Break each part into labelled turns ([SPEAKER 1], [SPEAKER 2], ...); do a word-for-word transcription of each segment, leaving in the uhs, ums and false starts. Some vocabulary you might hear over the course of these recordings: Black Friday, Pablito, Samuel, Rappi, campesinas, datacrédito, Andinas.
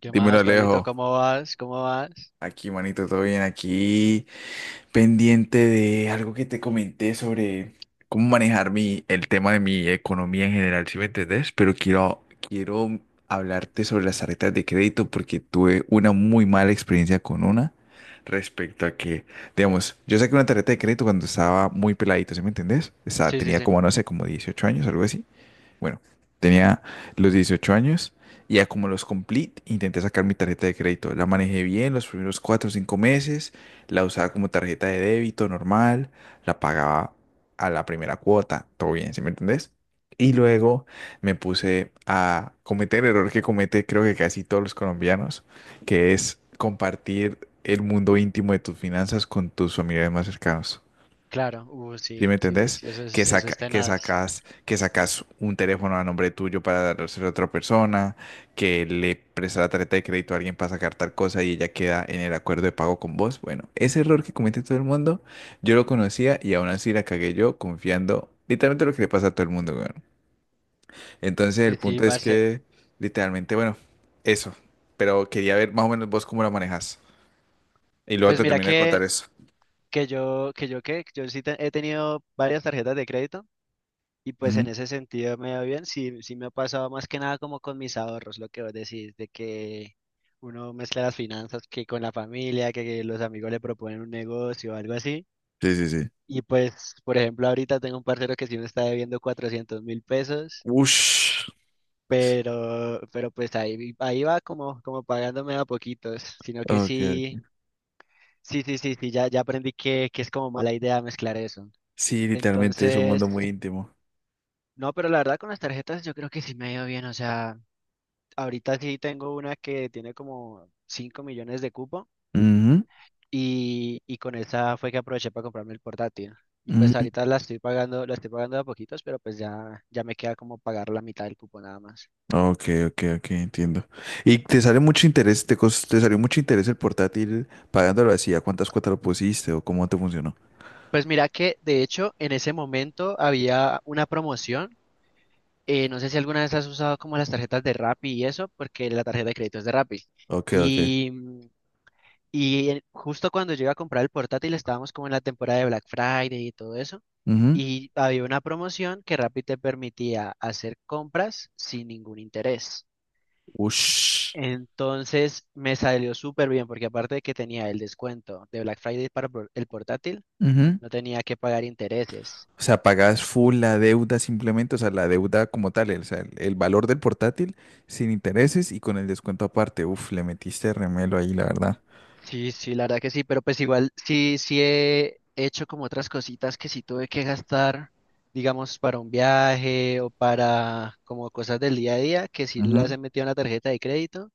[SPEAKER 1] ¿Qué
[SPEAKER 2] Dímelo,
[SPEAKER 1] más,
[SPEAKER 2] Alejo.
[SPEAKER 1] Pablito? ¿Cómo vas? ¿Cómo vas?
[SPEAKER 2] Aquí, manito, todo bien. Aquí, pendiente de algo que te comenté sobre cómo manejar mi, el tema de mi economía en general, ¿si me entendés? Pero quiero, quiero hablarte sobre las tarjetas de crédito porque tuve una muy mala experiencia con una respecto a que, digamos, yo saqué una tarjeta de crédito cuando estaba muy peladito, ¿sí me entendés? Estaba,
[SPEAKER 1] Sí, sí,
[SPEAKER 2] tenía
[SPEAKER 1] sí.
[SPEAKER 2] como, no sé, como dieciocho años, algo así. Bueno, tenía los dieciocho años y ya como los cumplí, intenté sacar mi tarjeta de crédito. La manejé bien los primeros cuatro o cinco meses, la usaba como tarjeta de débito normal, la pagaba a la primera cuota, todo bien, ¿sí me entendés? Y luego me puse a cometer el error que comete creo que casi todos los colombianos, que es compartir el mundo íntimo de tus finanzas con tus familiares más cercanos.
[SPEAKER 1] Claro. Uh,
[SPEAKER 2] ¿Sí me
[SPEAKER 1] sí, sí, sí,
[SPEAKER 2] entendés?
[SPEAKER 1] sí. Eso
[SPEAKER 2] Que
[SPEAKER 1] es, eso
[SPEAKER 2] saca,
[SPEAKER 1] es
[SPEAKER 2] que
[SPEAKER 1] tenaz.
[SPEAKER 2] sacas, que sacas un teléfono a nombre tuyo para dárselo a otra persona, que le prestas la tarjeta de crédito a alguien para sacar tal cosa y ella queda en el acuerdo de pago con vos. Bueno, ese error que comete todo el mundo, yo lo conocía y aún así la cagué yo confiando literalmente lo que le pasa a todo el mundo, weón. Entonces el
[SPEAKER 1] Pues sí,
[SPEAKER 2] punto es
[SPEAKER 1] parce.
[SPEAKER 2] que literalmente, bueno, eso. Pero quería ver más o menos vos cómo la manejas. Y luego
[SPEAKER 1] Pues
[SPEAKER 2] te
[SPEAKER 1] mira
[SPEAKER 2] termino de
[SPEAKER 1] que,
[SPEAKER 2] contar eso.
[SPEAKER 1] que yo, que yo qué, yo sí te- he tenido varias tarjetas de crédito y pues
[SPEAKER 2] Ujú.
[SPEAKER 1] en ese sentido me va bien. Sí, sí me ha pasado más que nada como con mis ahorros, lo que vos decís, de que uno mezcla las finanzas que con la familia, que, que los amigos le proponen un negocio o algo así.
[SPEAKER 2] Sí, sí, sí.
[SPEAKER 1] Y pues, por ejemplo, ahorita tengo un parcero que sí me está debiendo cuatrocientos mil pesos.
[SPEAKER 2] Ush.
[SPEAKER 1] pero, pero pues ahí, ahí va como, como pagándome a poquitos, sino que
[SPEAKER 2] Ok, ok.
[SPEAKER 1] sí, sí, sí, sí, sí, ya, ya aprendí que, que es como mala idea mezclar eso.
[SPEAKER 2] Sí, literalmente es un
[SPEAKER 1] Entonces,
[SPEAKER 2] mundo muy íntimo.
[SPEAKER 1] no, pero la verdad con las tarjetas yo creo que sí me ha ido bien, o sea, ahorita sí tengo una que tiene como cinco millones de cupo
[SPEAKER 2] Ujú,
[SPEAKER 1] y, y con esa fue que aproveché para comprarme el portátil. Y pues
[SPEAKER 2] ujú.
[SPEAKER 1] ahorita la estoy pagando, la estoy pagando de a poquitos, pero pues ya, ya me queda como pagar la mitad del cupo nada más.
[SPEAKER 2] Ok, ok, ok, entiendo. ¿Y te sale mucho interés, te, cos- te salió mucho interés el portátil pagándolo así? ¿A cuántas cuotas lo pusiste o cómo te funcionó?
[SPEAKER 1] Pues mira que de hecho en ese momento había una promoción. Eh, no sé si alguna vez has usado como las tarjetas de Rappi y eso, porque la tarjeta de crédito es de Rappi.
[SPEAKER 2] Ok, ok.
[SPEAKER 1] Y, mm, y en- Justo cuando yo iba a comprar el portátil estábamos como en la temporada de Black Friday y todo eso.
[SPEAKER 2] Ujú.
[SPEAKER 1] Y había una promoción que Rappi te permitía hacer compras sin ningún interés.
[SPEAKER 2] Ush.
[SPEAKER 1] Entonces me salió súper bien porque aparte de que tenía el descuento de Black Friday para por- el portátil,
[SPEAKER 2] Ujú.
[SPEAKER 1] no tenía que pagar intereses.
[SPEAKER 2] O sea, pagas full la deuda simplemente, o sea, la deuda como tal, el, o sea, el, el valor del portátil sin intereses y con el descuento aparte. Uf, le metiste remelo ahí, la verdad.
[SPEAKER 1] Sí, sí, la verdad que sí, pero pues igual sí, sí he hecho como otras cositas que sí tuve que gastar, digamos, para un viaje o para como cosas del día a día, que sí las
[SPEAKER 2] Ujú.
[SPEAKER 1] he metido en la tarjeta de crédito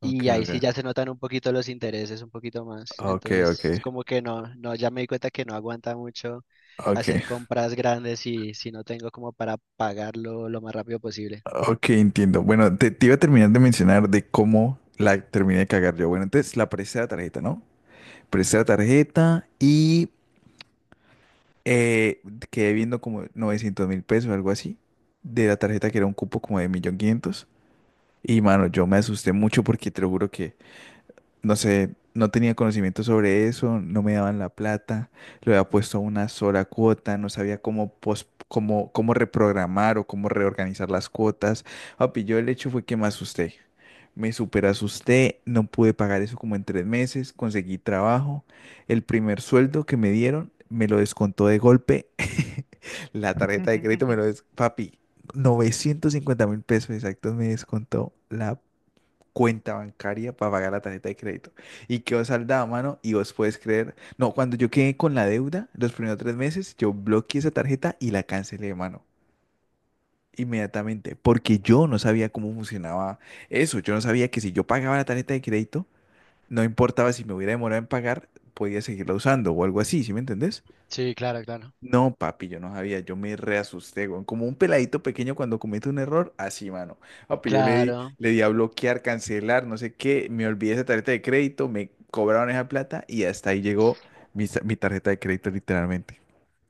[SPEAKER 2] Ok,
[SPEAKER 1] y ahí sí
[SPEAKER 2] ok.
[SPEAKER 1] ya se notan un poquito los intereses, un poquito más.
[SPEAKER 2] Ok, ok.
[SPEAKER 1] Entonces, como que no, no, ya me di cuenta que no aguanta mucho hacer
[SPEAKER 2] Ok.
[SPEAKER 1] compras grandes si, si no tengo como para pagarlo lo más rápido posible.
[SPEAKER 2] Ok, entiendo. Bueno, te, te iba a terminar de mencionar de cómo la terminé de cagar yo. Bueno, entonces la presté la tarjeta, ¿no? Presté la tarjeta y eh, quedé viendo como novecientos mil pesos, algo así, de la tarjeta que era un cupo como de un millón quinientos mil. Y mano, yo me asusté mucho porque te lo juro que no sé, no tenía conocimiento sobre eso, no me daban la plata, lo había puesto a una sola cuota, no sabía cómo, pos- cómo, cómo reprogramar o cómo reorganizar las cuotas. Papi, yo el hecho fue que me asusté. Me super asusté, no pude pagar eso como en tres meses, conseguí trabajo. El primer sueldo que me dieron me lo descontó de golpe. La tarjeta de crédito me lo des... Papi, novecientos cincuenta mil pesos exactos me descontó la cuenta bancaria para pagar la tarjeta de crédito. Y quedó saldada, mano, y vos puedes creer. No, cuando yo quedé con la deuda, los primeros tres meses, yo bloqueé esa tarjeta y la cancelé, mano. Inmediatamente, porque yo no sabía cómo funcionaba eso. Yo no sabía que si yo pagaba la tarjeta de crédito, no importaba si me hubiera demorado en pagar, podía seguirla usando o algo así, ¿sí me entendés?
[SPEAKER 1] Sí, claro, claro.
[SPEAKER 2] No, papi, yo no sabía, yo me reasusté, weón. Como un peladito pequeño cuando comete un error, así, mano. Papi, yo le di,
[SPEAKER 1] Claro.
[SPEAKER 2] le di a bloquear, cancelar, no sé qué, me olvidé esa tarjeta de crédito, me cobraron esa plata y hasta ahí llegó mi, sa- mi tarjeta de crédito, literalmente.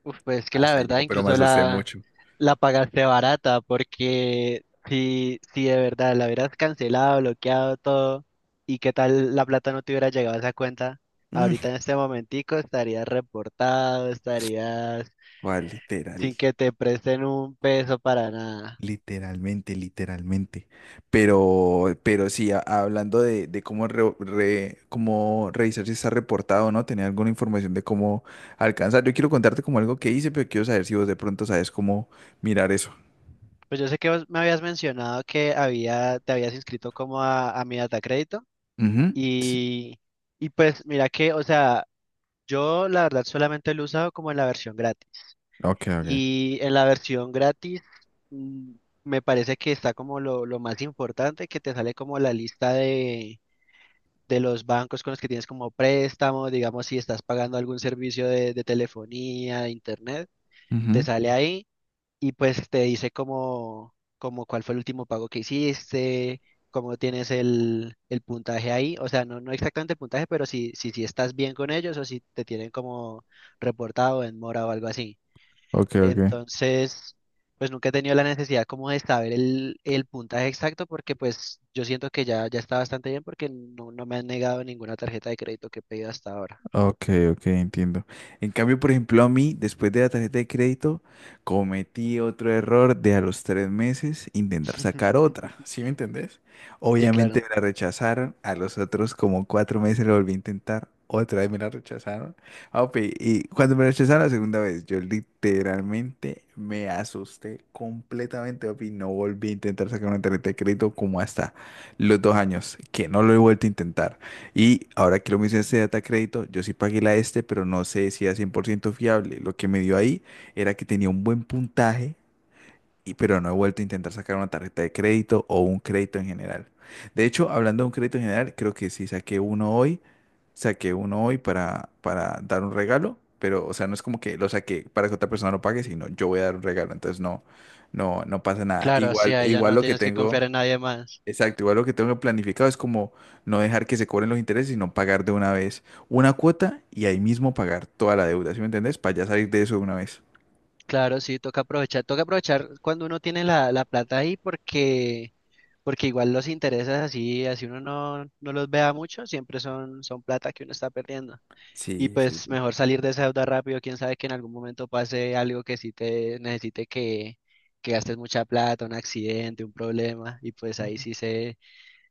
[SPEAKER 1] Uf, pues que la
[SPEAKER 2] Hasta ahí
[SPEAKER 1] verdad,
[SPEAKER 2] llegó, pero me
[SPEAKER 1] incluso
[SPEAKER 2] asusté
[SPEAKER 1] la,
[SPEAKER 2] mucho.
[SPEAKER 1] la pagaste barata, porque si, si de verdad la hubieras cancelado, bloqueado todo, y qué tal la plata no te hubiera llegado a esa cuenta,
[SPEAKER 2] Mm,
[SPEAKER 1] ahorita en este momentico estarías reportado, estarías
[SPEAKER 2] ¿cuál literal?
[SPEAKER 1] sin que te presten un peso para nada.
[SPEAKER 2] Literalmente, literalmente. Pero, pero sí, a- hablando de, de cómo, re- re- cómo revisar si está reportado o no, tenía alguna información de cómo alcanzar. Yo quiero contarte como algo que hice, pero quiero saber si vos de pronto sabes cómo mirar eso.
[SPEAKER 1] Pues yo sé que vos me habías mencionado que había, te habías inscrito como a, a mi datacrédito,
[SPEAKER 2] Ujú. Sí.
[SPEAKER 1] y, y pues mira que, o sea, yo la verdad solamente lo he usado como en la versión gratis.
[SPEAKER 2] Ok, ok.
[SPEAKER 1] Y en la versión gratis, mm, me parece que está como lo, lo más importante, que te sale como la lista de, de los bancos con los que tienes como préstamo, digamos si estás pagando algún servicio de, de telefonía, de internet, te
[SPEAKER 2] Ujú.
[SPEAKER 1] sale ahí y pues te dice como, como cuál fue el último pago que hiciste, cómo tienes el, el puntaje ahí, o sea, no, no exactamente el puntaje, pero si, si, si estás bien con ellos o si te tienen como reportado en mora o algo así.
[SPEAKER 2] Ok, ok.
[SPEAKER 1] Entonces, pues nunca he tenido la necesidad como de saber el, el puntaje exacto porque pues yo siento que ya, ya está bastante bien porque no, no me han negado ninguna tarjeta de crédito que he pedido hasta ahora.
[SPEAKER 2] Ok, ok, entiendo. En cambio, por ejemplo, a mí, después de la tarjeta de crédito, cometí otro error de a los tres meses intentar sacar otra, ¿sí me entendés?
[SPEAKER 1] Sí,
[SPEAKER 2] Obviamente
[SPEAKER 1] claro.
[SPEAKER 2] me la rechazaron, a los otros como cuatro meses lo volví a intentar, otra vez me la rechazaron. Ah, ok, y cuando me rechazaron la segunda vez, yo literalmente me asusté completamente, papi, no volví a intentar sacar una tarjeta de crédito como hasta los dos años, que no lo he vuelto a intentar. Y ahora que lo mencioné este data crédito, yo sí pagué la este, pero no sé si era cien por ciento fiable. Lo que me dio ahí era que tenía un buen puntaje, y, pero no he vuelto a intentar sacar una tarjeta de crédito o un crédito en general. De hecho, hablando de un crédito en general, creo que sí saqué uno hoy, saqué uno hoy para, para dar un regalo, pero o sea, no es como que lo saqué para que otra persona lo pague, sino yo voy a dar un regalo, entonces no, no, no pasa nada.
[SPEAKER 1] Claro, sí,
[SPEAKER 2] Igual,
[SPEAKER 1] ahí ya
[SPEAKER 2] igual
[SPEAKER 1] no
[SPEAKER 2] lo que
[SPEAKER 1] tienes que confiar
[SPEAKER 2] tengo.
[SPEAKER 1] en nadie más.
[SPEAKER 2] Exacto, igual lo que tengo planificado es como no dejar que se cobren los intereses, sino pagar de una vez una cuota y ahí mismo pagar toda la deuda, ¿sí me entendés? Para ya salir de eso de una vez.
[SPEAKER 1] Claro, sí, toca aprovechar, toca aprovechar cuando uno tiene la, la plata ahí porque, porque igual los intereses así, así uno no, no los vea mucho, siempre son, son plata que uno está perdiendo. Y
[SPEAKER 2] Sí, sí,
[SPEAKER 1] pues
[SPEAKER 2] sí.
[SPEAKER 1] mejor salir de esa deuda rápido, quién sabe que en algún momento pase algo que sí te necesite que, que gastes mucha plata, un accidente, un problema, y pues ahí
[SPEAKER 2] Ujú.
[SPEAKER 1] sí se,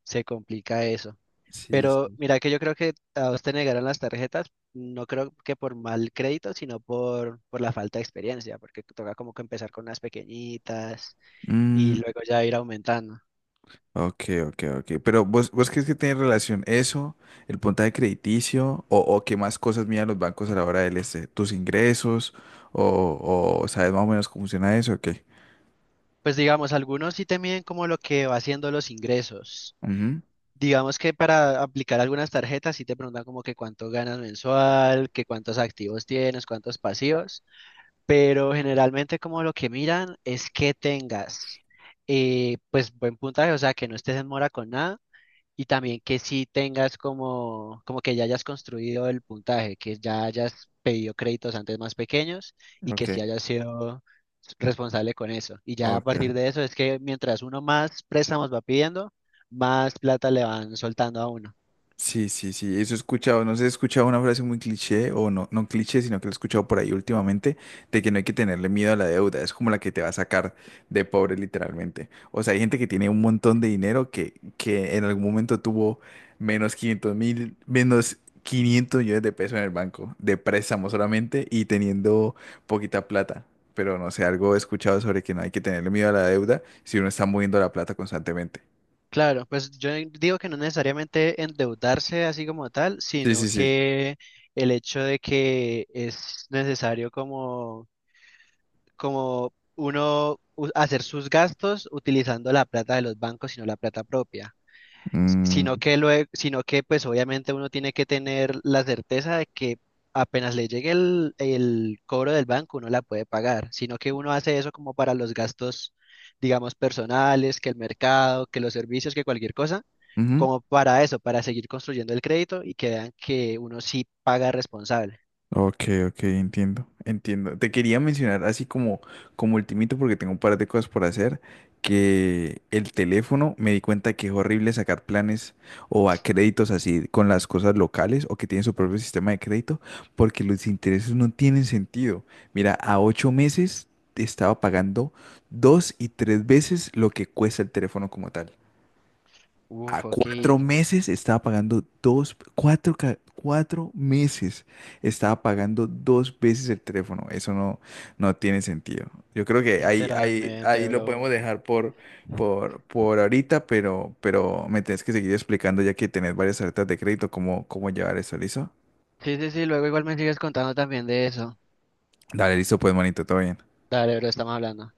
[SPEAKER 1] se complica eso.
[SPEAKER 2] Sí,
[SPEAKER 1] Pero
[SPEAKER 2] sí.
[SPEAKER 1] mira que yo creo que a vos te negaron las tarjetas, no creo que por mal crédito, sino por, por la falta de experiencia, porque toca como que empezar con unas pequeñitas y
[SPEAKER 2] Mm,
[SPEAKER 1] luego ya ir aumentando.
[SPEAKER 2] ok, ok, ok. Pero vos, ¿vos crees que tiene relación eso, el puntaje crediticio, o, o qué más cosas miran los bancos a la hora del este, tus ingresos, o, o sabes más o menos cómo funciona eso, o qué?
[SPEAKER 1] Pues digamos, algunos sí te miden como lo que va haciendo los ingresos.
[SPEAKER 2] Ujú,
[SPEAKER 1] Digamos que para aplicar algunas tarjetas sí te preguntan como que cuánto ganas mensual, que cuántos activos tienes, cuántos pasivos, pero generalmente como lo que miran es que tengas eh, pues buen puntaje, o sea, que no estés en mora con nada y también que sí tengas como, como que ya hayas construido el puntaje, que ya hayas pedido créditos antes más pequeños y que
[SPEAKER 2] ok,
[SPEAKER 1] sí hayas sido responsable con eso. Y ya a
[SPEAKER 2] ok.
[SPEAKER 1] partir de eso es que mientras uno más préstamos va pidiendo, más plata le van soltando a uno.
[SPEAKER 2] Sí, sí, sí, eso he escuchado, no sé, he escuchado una frase muy cliché, o no, no cliché, sino que lo he escuchado por ahí últimamente, de que no hay que tenerle miedo a la deuda, es como la que te va a sacar de pobre literalmente. O sea, hay gente que tiene un montón de dinero que, que en algún momento tuvo menos quinientos mil, menos quinientos millones de pesos en el banco, de préstamo solamente, y teniendo poquita plata. Pero no sé, algo he escuchado sobre que no hay que tenerle miedo a la deuda si uno está moviendo la plata constantemente.
[SPEAKER 1] Claro, pues yo digo que no necesariamente endeudarse así como tal,
[SPEAKER 2] Sí,
[SPEAKER 1] sino
[SPEAKER 2] sí, sí.
[SPEAKER 1] que el hecho de que es necesario como como uno u- hacer sus gastos utilizando la plata de los bancos, sino la plata propia. S-
[SPEAKER 2] Mm,
[SPEAKER 1] Sino que luego, sino que pues obviamente uno tiene que tener la certeza de que apenas le llegue el, el cobro del banco, uno la puede pagar, sino que uno hace eso como para los gastos, digamos, personales, que el mercado, que los servicios, que cualquier cosa,
[SPEAKER 2] ujú.
[SPEAKER 1] como para eso, para seguir construyendo el crédito y que vean que uno sí paga responsable.
[SPEAKER 2] Ok, ok, entiendo, entiendo. Te quería mencionar así como, como ultimito, porque tengo un par de cosas por hacer, que el teléfono me di cuenta que es horrible sacar planes o a créditos así con las cosas locales o que tienen su propio sistema de crédito, porque los intereses no tienen sentido. Mira, a ocho meses estaba pagando dos y tres veces lo que cuesta el teléfono como tal. A
[SPEAKER 1] Uf, ok,
[SPEAKER 2] cuatro meses estaba pagando dos, cuatro, ca- cuatro meses estaba pagando dos veces el teléfono. Eso no, no tiene sentido. Yo creo que ahí, ahí,
[SPEAKER 1] literalmente,
[SPEAKER 2] ahí lo
[SPEAKER 1] bro.
[SPEAKER 2] podemos dejar por, por, por ahorita, pero, pero me tienes que seguir explicando ya que tenés varias tarjetas de crédito, cómo, cómo llevar eso, ¿listo?
[SPEAKER 1] Sí, sí, sí, luego igual me sigues contando también de eso.
[SPEAKER 2] Dale, listo, pues, manito, todo bien.
[SPEAKER 1] Dale, bro, estamos hablando.